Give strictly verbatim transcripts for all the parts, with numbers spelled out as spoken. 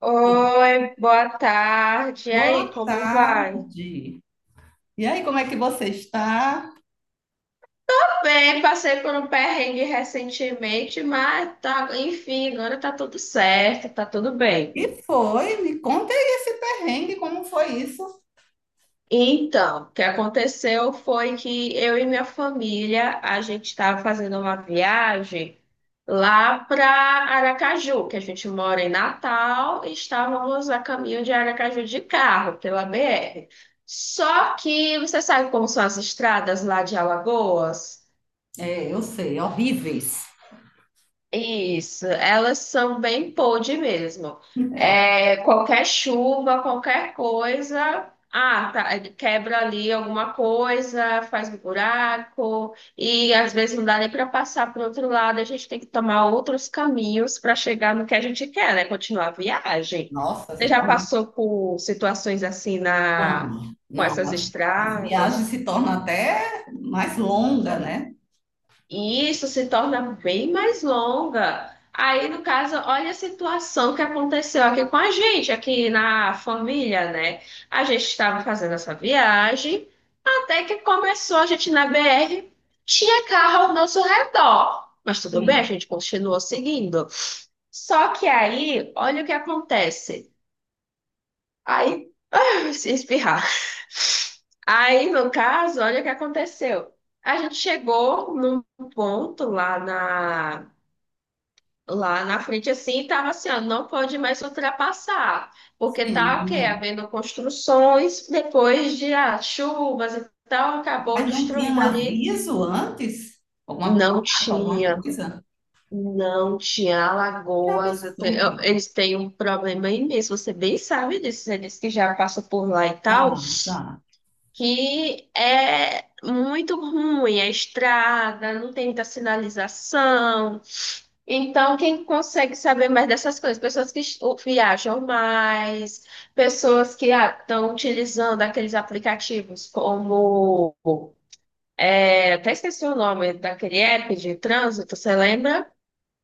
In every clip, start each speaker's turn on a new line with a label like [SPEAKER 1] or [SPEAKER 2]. [SPEAKER 1] Oi, boa tarde. E aí,
[SPEAKER 2] Boa
[SPEAKER 1] como vai? Tô
[SPEAKER 2] tarde. E aí, como é que você está?
[SPEAKER 1] bem, passei por um perrengue recentemente, mas tá, enfim, agora tá tudo certo, tá tudo bem.
[SPEAKER 2] E foi, me conta aí esse perrengue, como foi isso?
[SPEAKER 1] Então, o que aconteceu foi que eu e minha família, a gente estava fazendo uma viagem lá para Aracaju, que a gente mora em Natal, e estávamos a caminho de Aracaju de carro, pela B R. Só que você sabe como são as estradas lá de Alagoas?
[SPEAKER 2] É, eu sei, horríveis.
[SPEAKER 1] Isso, elas são bem pod mesmo.
[SPEAKER 2] É, ó,
[SPEAKER 1] É, qualquer chuva, qualquer coisa, ah, tá, quebra ali alguma coisa, faz um buraco, e às vezes não dá nem para passar para o outro lado, a gente tem que tomar outros caminhos para chegar no que a gente quer, né? Continuar a viagem.
[SPEAKER 2] nossa,
[SPEAKER 1] Você
[SPEAKER 2] se
[SPEAKER 1] já
[SPEAKER 2] torna...
[SPEAKER 1] passou por situações assim na,
[SPEAKER 2] Não,
[SPEAKER 1] com
[SPEAKER 2] não,
[SPEAKER 1] essas
[SPEAKER 2] as, as viagens
[SPEAKER 1] estradas?
[SPEAKER 2] se tornam até mais longa, né?
[SPEAKER 1] E isso se torna bem mais longa. Aí, no caso, olha a situação que aconteceu aqui com a gente, aqui na família, né? A gente estava fazendo essa viagem, até que começou a gente na B R, tinha carro ao nosso redor. Mas tudo bem, a
[SPEAKER 2] Sim.
[SPEAKER 1] gente continuou seguindo. Só que aí, olha o que acontece. Aí se espirrar. Aí, no caso, olha o que aconteceu. A gente chegou num ponto lá na, lá na frente, assim, e tava assim, ó, não pode mais ultrapassar, porque tá, o quê?
[SPEAKER 2] Sim.
[SPEAKER 1] Havendo construções, depois de ah, chuvas e tal, acabou
[SPEAKER 2] Mas não tinha um
[SPEAKER 1] destruída ali.
[SPEAKER 2] aviso antes? Alguma
[SPEAKER 1] Não
[SPEAKER 2] placa, alguma
[SPEAKER 1] tinha,
[SPEAKER 2] coisa?
[SPEAKER 1] não tinha
[SPEAKER 2] Que
[SPEAKER 1] alagoas. Eu tenho- eu-
[SPEAKER 2] absurdo.
[SPEAKER 1] eles têm um problema imenso, você bem sabe disso, eles que já passam por lá e tal.
[SPEAKER 2] Não, não.
[SPEAKER 1] Que é muito ruim a estrada, não tem muita sinalização. Então, quem consegue saber mais dessas coisas? Pessoas que es- o- viajam mais, pessoas que estão utilizando aqueles aplicativos como. É, até esqueci o nome daquele app de trânsito, você lembra?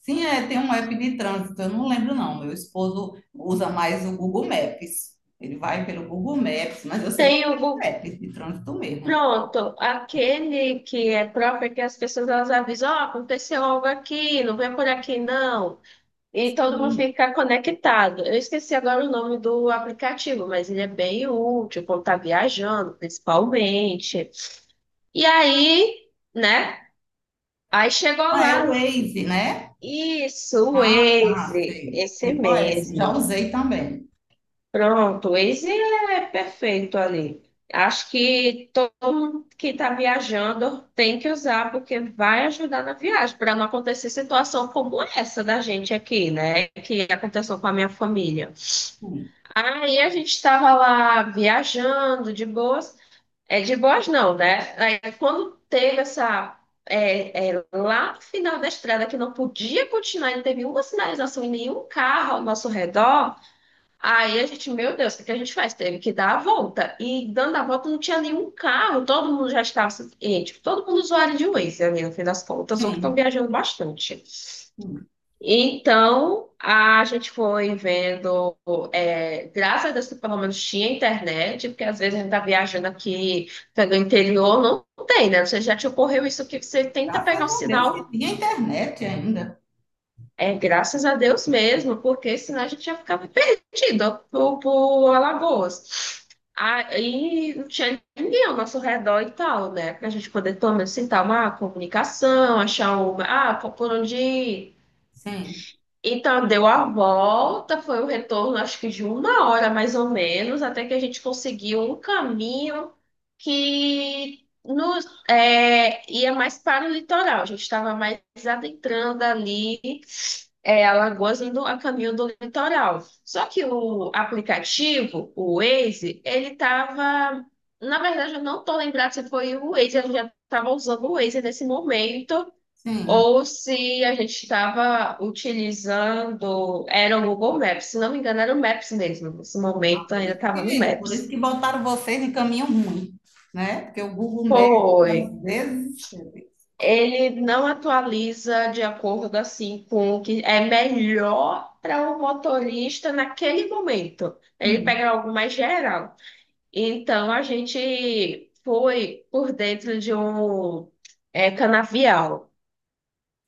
[SPEAKER 2] Sim, é, tem um app de trânsito, eu não lembro não. Meu esposo usa mais o Google Maps. Ele vai pelo Google Maps, mas eu sei que
[SPEAKER 1] Tem o
[SPEAKER 2] é um
[SPEAKER 1] Google.
[SPEAKER 2] app de trânsito mesmo.
[SPEAKER 1] Pronto, aquele que é próprio que as pessoas elas avisam, ó, aconteceu algo aqui, não vem por aqui não. E todo mundo
[SPEAKER 2] Sim.
[SPEAKER 1] fica conectado. Eu esqueci agora o nome do aplicativo, mas ele é bem útil quando tá viajando, principalmente. E aí, né? Aí chegou
[SPEAKER 2] Ah, é o
[SPEAKER 1] lá.
[SPEAKER 2] Waze, né?
[SPEAKER 1] Isso, o
[SPEAKER 2] Ah, tá,
[SPEAKER 1] Waze,
[SPEAKER 2] sei.
[SPEAKER 1] esse
[SPEAKER 2] Sei qual é esse. Já
[SPEAKER 1] mesmo.
[SPEAKER 2] usei também.
[SPEAKER 1] Pronto, o Waze é perfeito ali. Acho que todo mundo que está viajando tem que usar, porque vai ajudar na viagem, para não acontecer situação como essa da gente aqui, né? Que aconteceu com a minha família.
[SPEAKER 2] Hum.
[SPEAKER 1] Aí a gente estava lá viajando de boas, é de boas não, né? Aí quando teve essa é, é, lá no final da estrada que não podia continuar, não teve uma sinalização e nenhum carro ao nosso redor. Aí a gente, meu Deus, o que que a gente faz? Teve que dar a volta. E dando a volta não tinha nenhum carro, todo mundo já estava, assim, e, tipo, todo mundo usuário de Waze ali no fim das contas, ou que estão
[SPEAKER 2] Sim,
[SPEAKER 1] viajando bastante.
[SPEAKER 2] hum.
[SPEAKER 1] Então, a gente foi vendo, é, graças a Deus que pelo menos tinha internet, porque às vezes a gente está viajando aqui pelo interior, não tem, né? Você já te ocorreu isso que você tenta pegar
[SPEAKER 2] Graças
[SPEAKER 1] o
[SPEAKER 2] a Deus que
[SPEAKER 1] sinal,
[SPEAKER 2] tinha internet ainda.
[SPEAKER 1] é graças a Deus mesmo, porque senão a gente já ficava perdido por, por Alagoas. Aí não tinha ninguém ao nosso redor e tal, né? Para a gente poder, pelo menos, sentar uma comunicação, achar uma, ah, por onde ir.
[SPEAKER 2] Sim,
[SPEAKER 1] Então, deu a volta, foi o retorno, acho que de uma hora mais ou menos, até que a gente conseguiu um caminho que nos, é, ia mais para o litoral. A gente estava mais adentrando ali, é, Alagoas, indo a caminho do litoral. Só que o aplicativo, o Waze, ele estava. Na verdade, eu não estou lembrada se foi o Waze, eu já estava usando o Waze nesse momento.
[SPEAKER 2] sim.
[SPEAKER 1] Ou se a gente estava utilizando, era o Google Maps, se não me engano, era o Maps mesmo. Nesse momento
[SPEAKER 2] Por
[SPEAKER 1] ainda
[SPEAKER 2] isso
[SPEAKER 1] estava no
[SPEAKER 2] que, por isso
[SPEAKER 1] Maps.
[SPEAKER 2] que botaram vocês em caminho ruim, né? Porque o Google Maps,
[SPEAKER 1] Foi.
[SPEAKER 2] às vezes,
[SPEAKER 1] Ele não atualiza de acordo assim com o que é melhor para o motorista naquele momento. Ele
[SPEAKER 2] hum.
[SPEAKER 1] pega algo mais geral. Então a gente foi por dentro de um eh, canavial.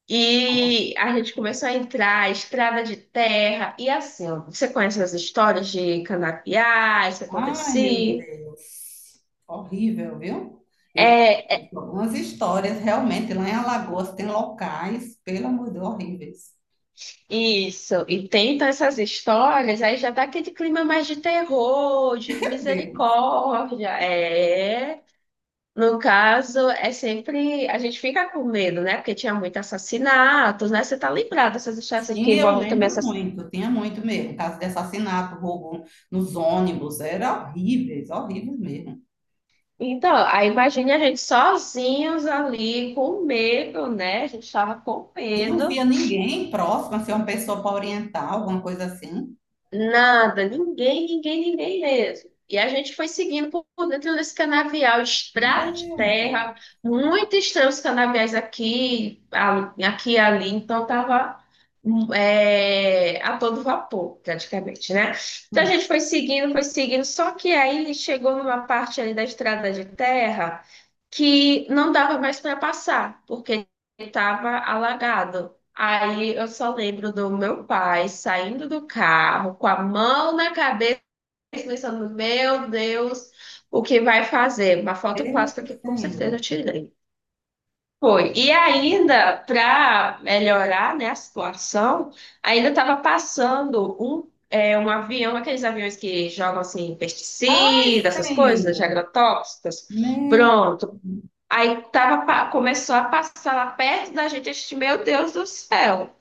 [SPEAKER 1] E a gente começou a entrar, estrada de terra, e assim, ó, você conhece as histórias de canapiá, isso
[SPEAKER 2] Ai, meu
[SPEAKER 1] acontecia.
[SPEAKER 2] Deus. Horrível, viu? Eu
[SPEAKER 1] É, é,
[SPEAKER 2] conheço algumas histórias, realmente, lá em Alagoas tem locais, pelo amor de Deus, horríveis.
[SPEAKER 1] isso, e tem então, essas histórias, aí já dá aquele clima mais de terror, de
[SPEAKER 2] Meu Deus.
[SPEAKER 1] misericórdia. É. No caso, é sempre. A gente fica com medo, né? Porque tinha muito assassinatos, né? Você tá lembrado dessas histórias que
[SPEAKER 2] E eu
[SPEAKER 1] envolvem também
[SPEAKER 2] lembro
[SPEAKER 1] essas.
[SPEAKER 2] muito, tinha muito mesmo, caso de assassinato, roubo nos ônibus, era horríveis, horríveis mesmo.
[SPEAKER 1] Então, aí imagine a gente sozinhos ali com medo, né? A gente estava com
[SPEAKER 2] E não
[SPEAKER 1] medo.
[SPEAKER 2] via ninguém próximo, assim, uma pessoa para orientar, alguma coisa assim.
[SPEAKER 1] Nada, ninguém, ninguém, ninguém mesmo. E a gente foi seguindo por por dentro desse canavial, estrada de
[SPEAKER 2] Meu Deus.
[SPEAKER 1] terra, muito estranho os canaviais aqui, ali- aqui e ali, então tava hum, é, a todo vapor, praticamente, né? Então a
[SPEAKER 2] Hum.
[SPEAKER 1] gente foi seguindo, foi seguindo, só que aí chegou numa parte ali da estrada de terra que não dava mais para passar, porque estava alagado. Aí eu só lembro do meu pai saindo do carro com a mão na cabeça, pensando, meu Deus, o que vai fazer? Uma foto
[SPEAKER 2] Ei,
[SPEAKER 1] clássica que com certeza eu
[SPEAKER 2] Senhor.
[SPEAKER 1] tirei. Foi. E ainda, para melhorar, né, a situação, ainda estava passando um, é, um avião, aqueles aviões que jogam assim,
[SPEAKER 2] Ai,
[SPEAKER 1] pesticidas, essas coisas, de
[SPEAKER 2] Senhor.
[SPEAKER 1] agrotóxicos.
[SPEAKER 2] Meu...
[SPEAKER 1] Pronto, aí tava, pa- começou a passar lá perto da gente, a gente, meu Deus do céu,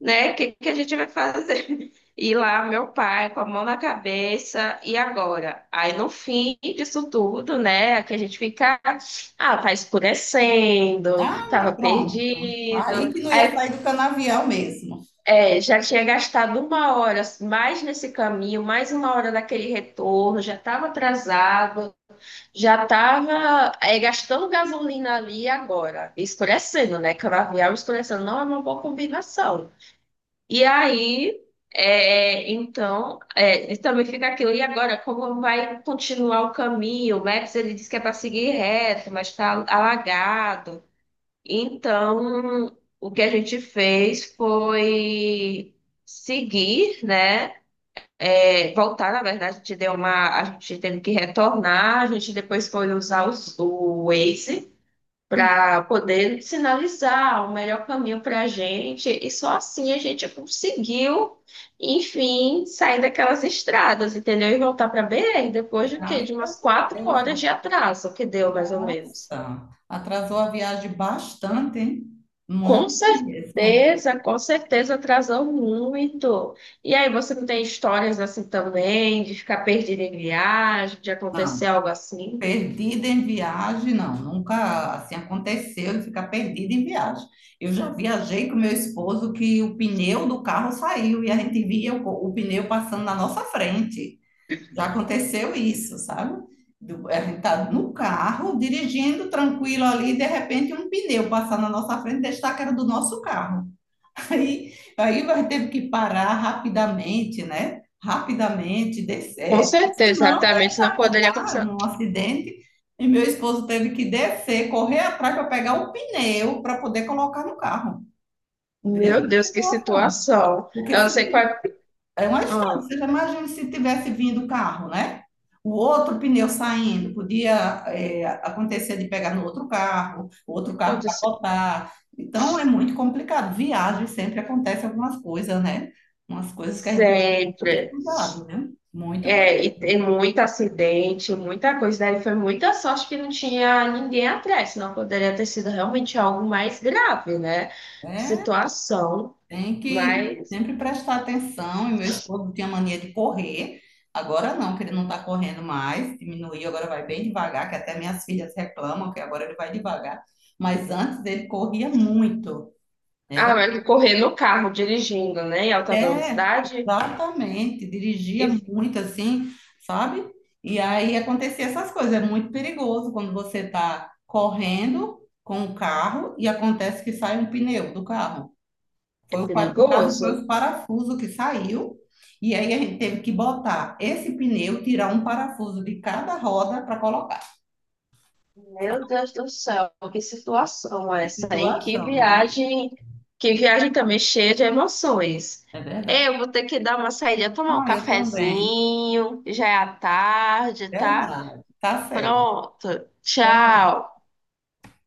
[SPEAKER 1] né? O que, que a gente vai fazer? E lá, meu pai, com a mão na cabeça, e agora? Aí no fim disso tudo, né? Que a gente fica, ah, tá escurecendo,
[SPEAKER 2] Ah, me-
[SPEAKER 1] tava
[SPEAKER 2] pronto.
[SPEAKER 1] perdido.
[SPEAKER 2] Aí que não ia
[SPEAKER 1] Aí
[SPEAKER 2] sair do canavial mesmo.
[SPEAKER 1] é, já tinha gastado uma hora mais nesse caminho, mais uma hora daquele retorno, já estava atrasado. Já estava gastando gasolina ali agora, escurecendo, né? Canavial escurecendo não é uma boa combinação. E aí, é, então, é, e também fica aquilo. E agora, como vai continuar o caminho? O Maps ele diz que é para seguir reto, mas está alagado. Então, o que a gente fez foi seguir, né? É, voltar, na verdade, a gente deu uma. A gente teve que retornar, a gente depois foi usar os- o Waze para poder sinalizar o melhor caminho para a gente, e só assim a gente conseguiu, enfim, sair daquelas estradas, entendeu? E voltar para B R depois de quê?
[SPEAKER 2] Graças
[SPEAKER 1] De umas
[SPEAKER 2] a
[SPEAKER 1] quatro
[SPEAKER 2] Deus.
[SPEAKER 1] horas de atraso que deu, mais ou menos.
[SPEAKER 2] Nossa, atrasou a viagem bastante, hein?
[SPEAKER 1] Com
[SPEAKER 2] Muito mesmo.
[SPEAKER 1] certeza, com certeza atrasou muito. E aí, você não tem histórias assim também, de ficar perdido em viagem, de acontecer
[SPEAKER 2] Não,
[SPEAKER 1] algo assim?
[SPEAKER 2] perdida em viagem, não. Nunca assim aconteceu de ficar perdida em viagem. Eu já viajei com meu esposo que o pneu do carro saiu e a gente via o, o pneu passando na nossa frente. Já aconteceu isso, sabe? Do- a gente tá no carro, dirigindo tranquilo ali, de repente um pneu passar na nossa frente, destaca que era do nosso carro. Aí, aí vai ter que parar rapidamente, né? Rapidamente,
[SPEAKER 1] Com
[SPEAKER 2] descer.
[SPEAKER 1] certeza,
[SPEAKER 2] Senão ia
[SPEAKER 1] rapidamente não poderia
[SPEAKER 2] capotar
[SPEAKER 1] acontecer.
[SPEAKER 2] num acidente. E meu esposo teve que descer, correr atrás para pegar o pneu para poder colocar no carro. Veja
[SPEAKER 1] Meu
[SPEAKER 2] a
[SPEAKER 1] Deus, que
[SPEAKER 2] situação.
[SPEAKER 1] situação.
[SPEAKER 2] Porque
[SPEAKER 1] Eu não
[SPEAKER 2] se
[SPEAKER 1] sei qual é.
[SPEAKER 2] é uma estrada.
[SPEAKER 1] Ah,
[SPEAKER 2] Você já imagina se tivesse vindo o carro, né? O outro pneu saindo, podia é, acontecer de pegar no outro carro, o outro carro
[SPEAKER 1] aconteceu.
[SPEAKER 2] capotar. Então é muito complicado. Viagem sempre acontece algumas coisas, né? Umas coisas que a gente tem que ter muito
[SPEAKER 1] Sempre.
[SPEAKER 2] cuidado, né? Muito cuidado.
[SPEAKER 1] É, e tem muito acidente, muita coisa. Daí foi muita sorte que não tinha ninguém atrás, senão poderia ter sido realmente algo mais grave, né?
[SPEAKER 2] É,
[SPEAKER 1] Situação.
[SPEAKER 2] tem que
[SPEAKER 1] Mas
[SPEAKER 2] sempre prestar atenção. E meu esposo tinha mania de correr. Agora não, que ele não está correndo mais, diminuiu, agora vai bem devagar, que até minhas filhas reclamam que agora ele vai devagar. Mas antes ele corria muito. Era
[SPEAKER 1] ah, mas correr no carro dirigindo, né, em alta
[SPEAKER 2] é,
[SPEAKER 1] velocidade
[SPEAKER 2] exatamente, dirigia
[SPEAKER 1] e-
[SPEAKER 2] muito assim, sabe? E aí acontecia essas coisas. É muito perigoso quando você está correndo com o carro e acontece que sai um pneu do carro.
[SPEAKER 1] é
[SPEAKER 2] Foi o, pa- no caso, foi
[SPEAKER 1] perigoso?
[SPEAKER 2] o parafuso que saiu. E aí a gente teve que botar esse pneu, tirar um parafuso de cada roda para colocar.
[SPEAKER 1] Meu Deus do céu, que situação
[SPEAKER 2] Que
[SPEAKER 1] essa, hein? Que
[SPEAKER 2] situação, né?
[SPEAKER 1] viagem. Que viagem também cheia de emoções.
[SPEAKER 2] É verdade.
[SPEAKER 1] Eu vou ter que dar uma saída, tomar um
[SPEAKER 2] Ah, eu também.
[SPEAKER 1] cafezinho, já é à tarde, tá?
[SPEAKER 2] Verdade. Tá certo.
[SPEAKER 1] Pronto, tchau.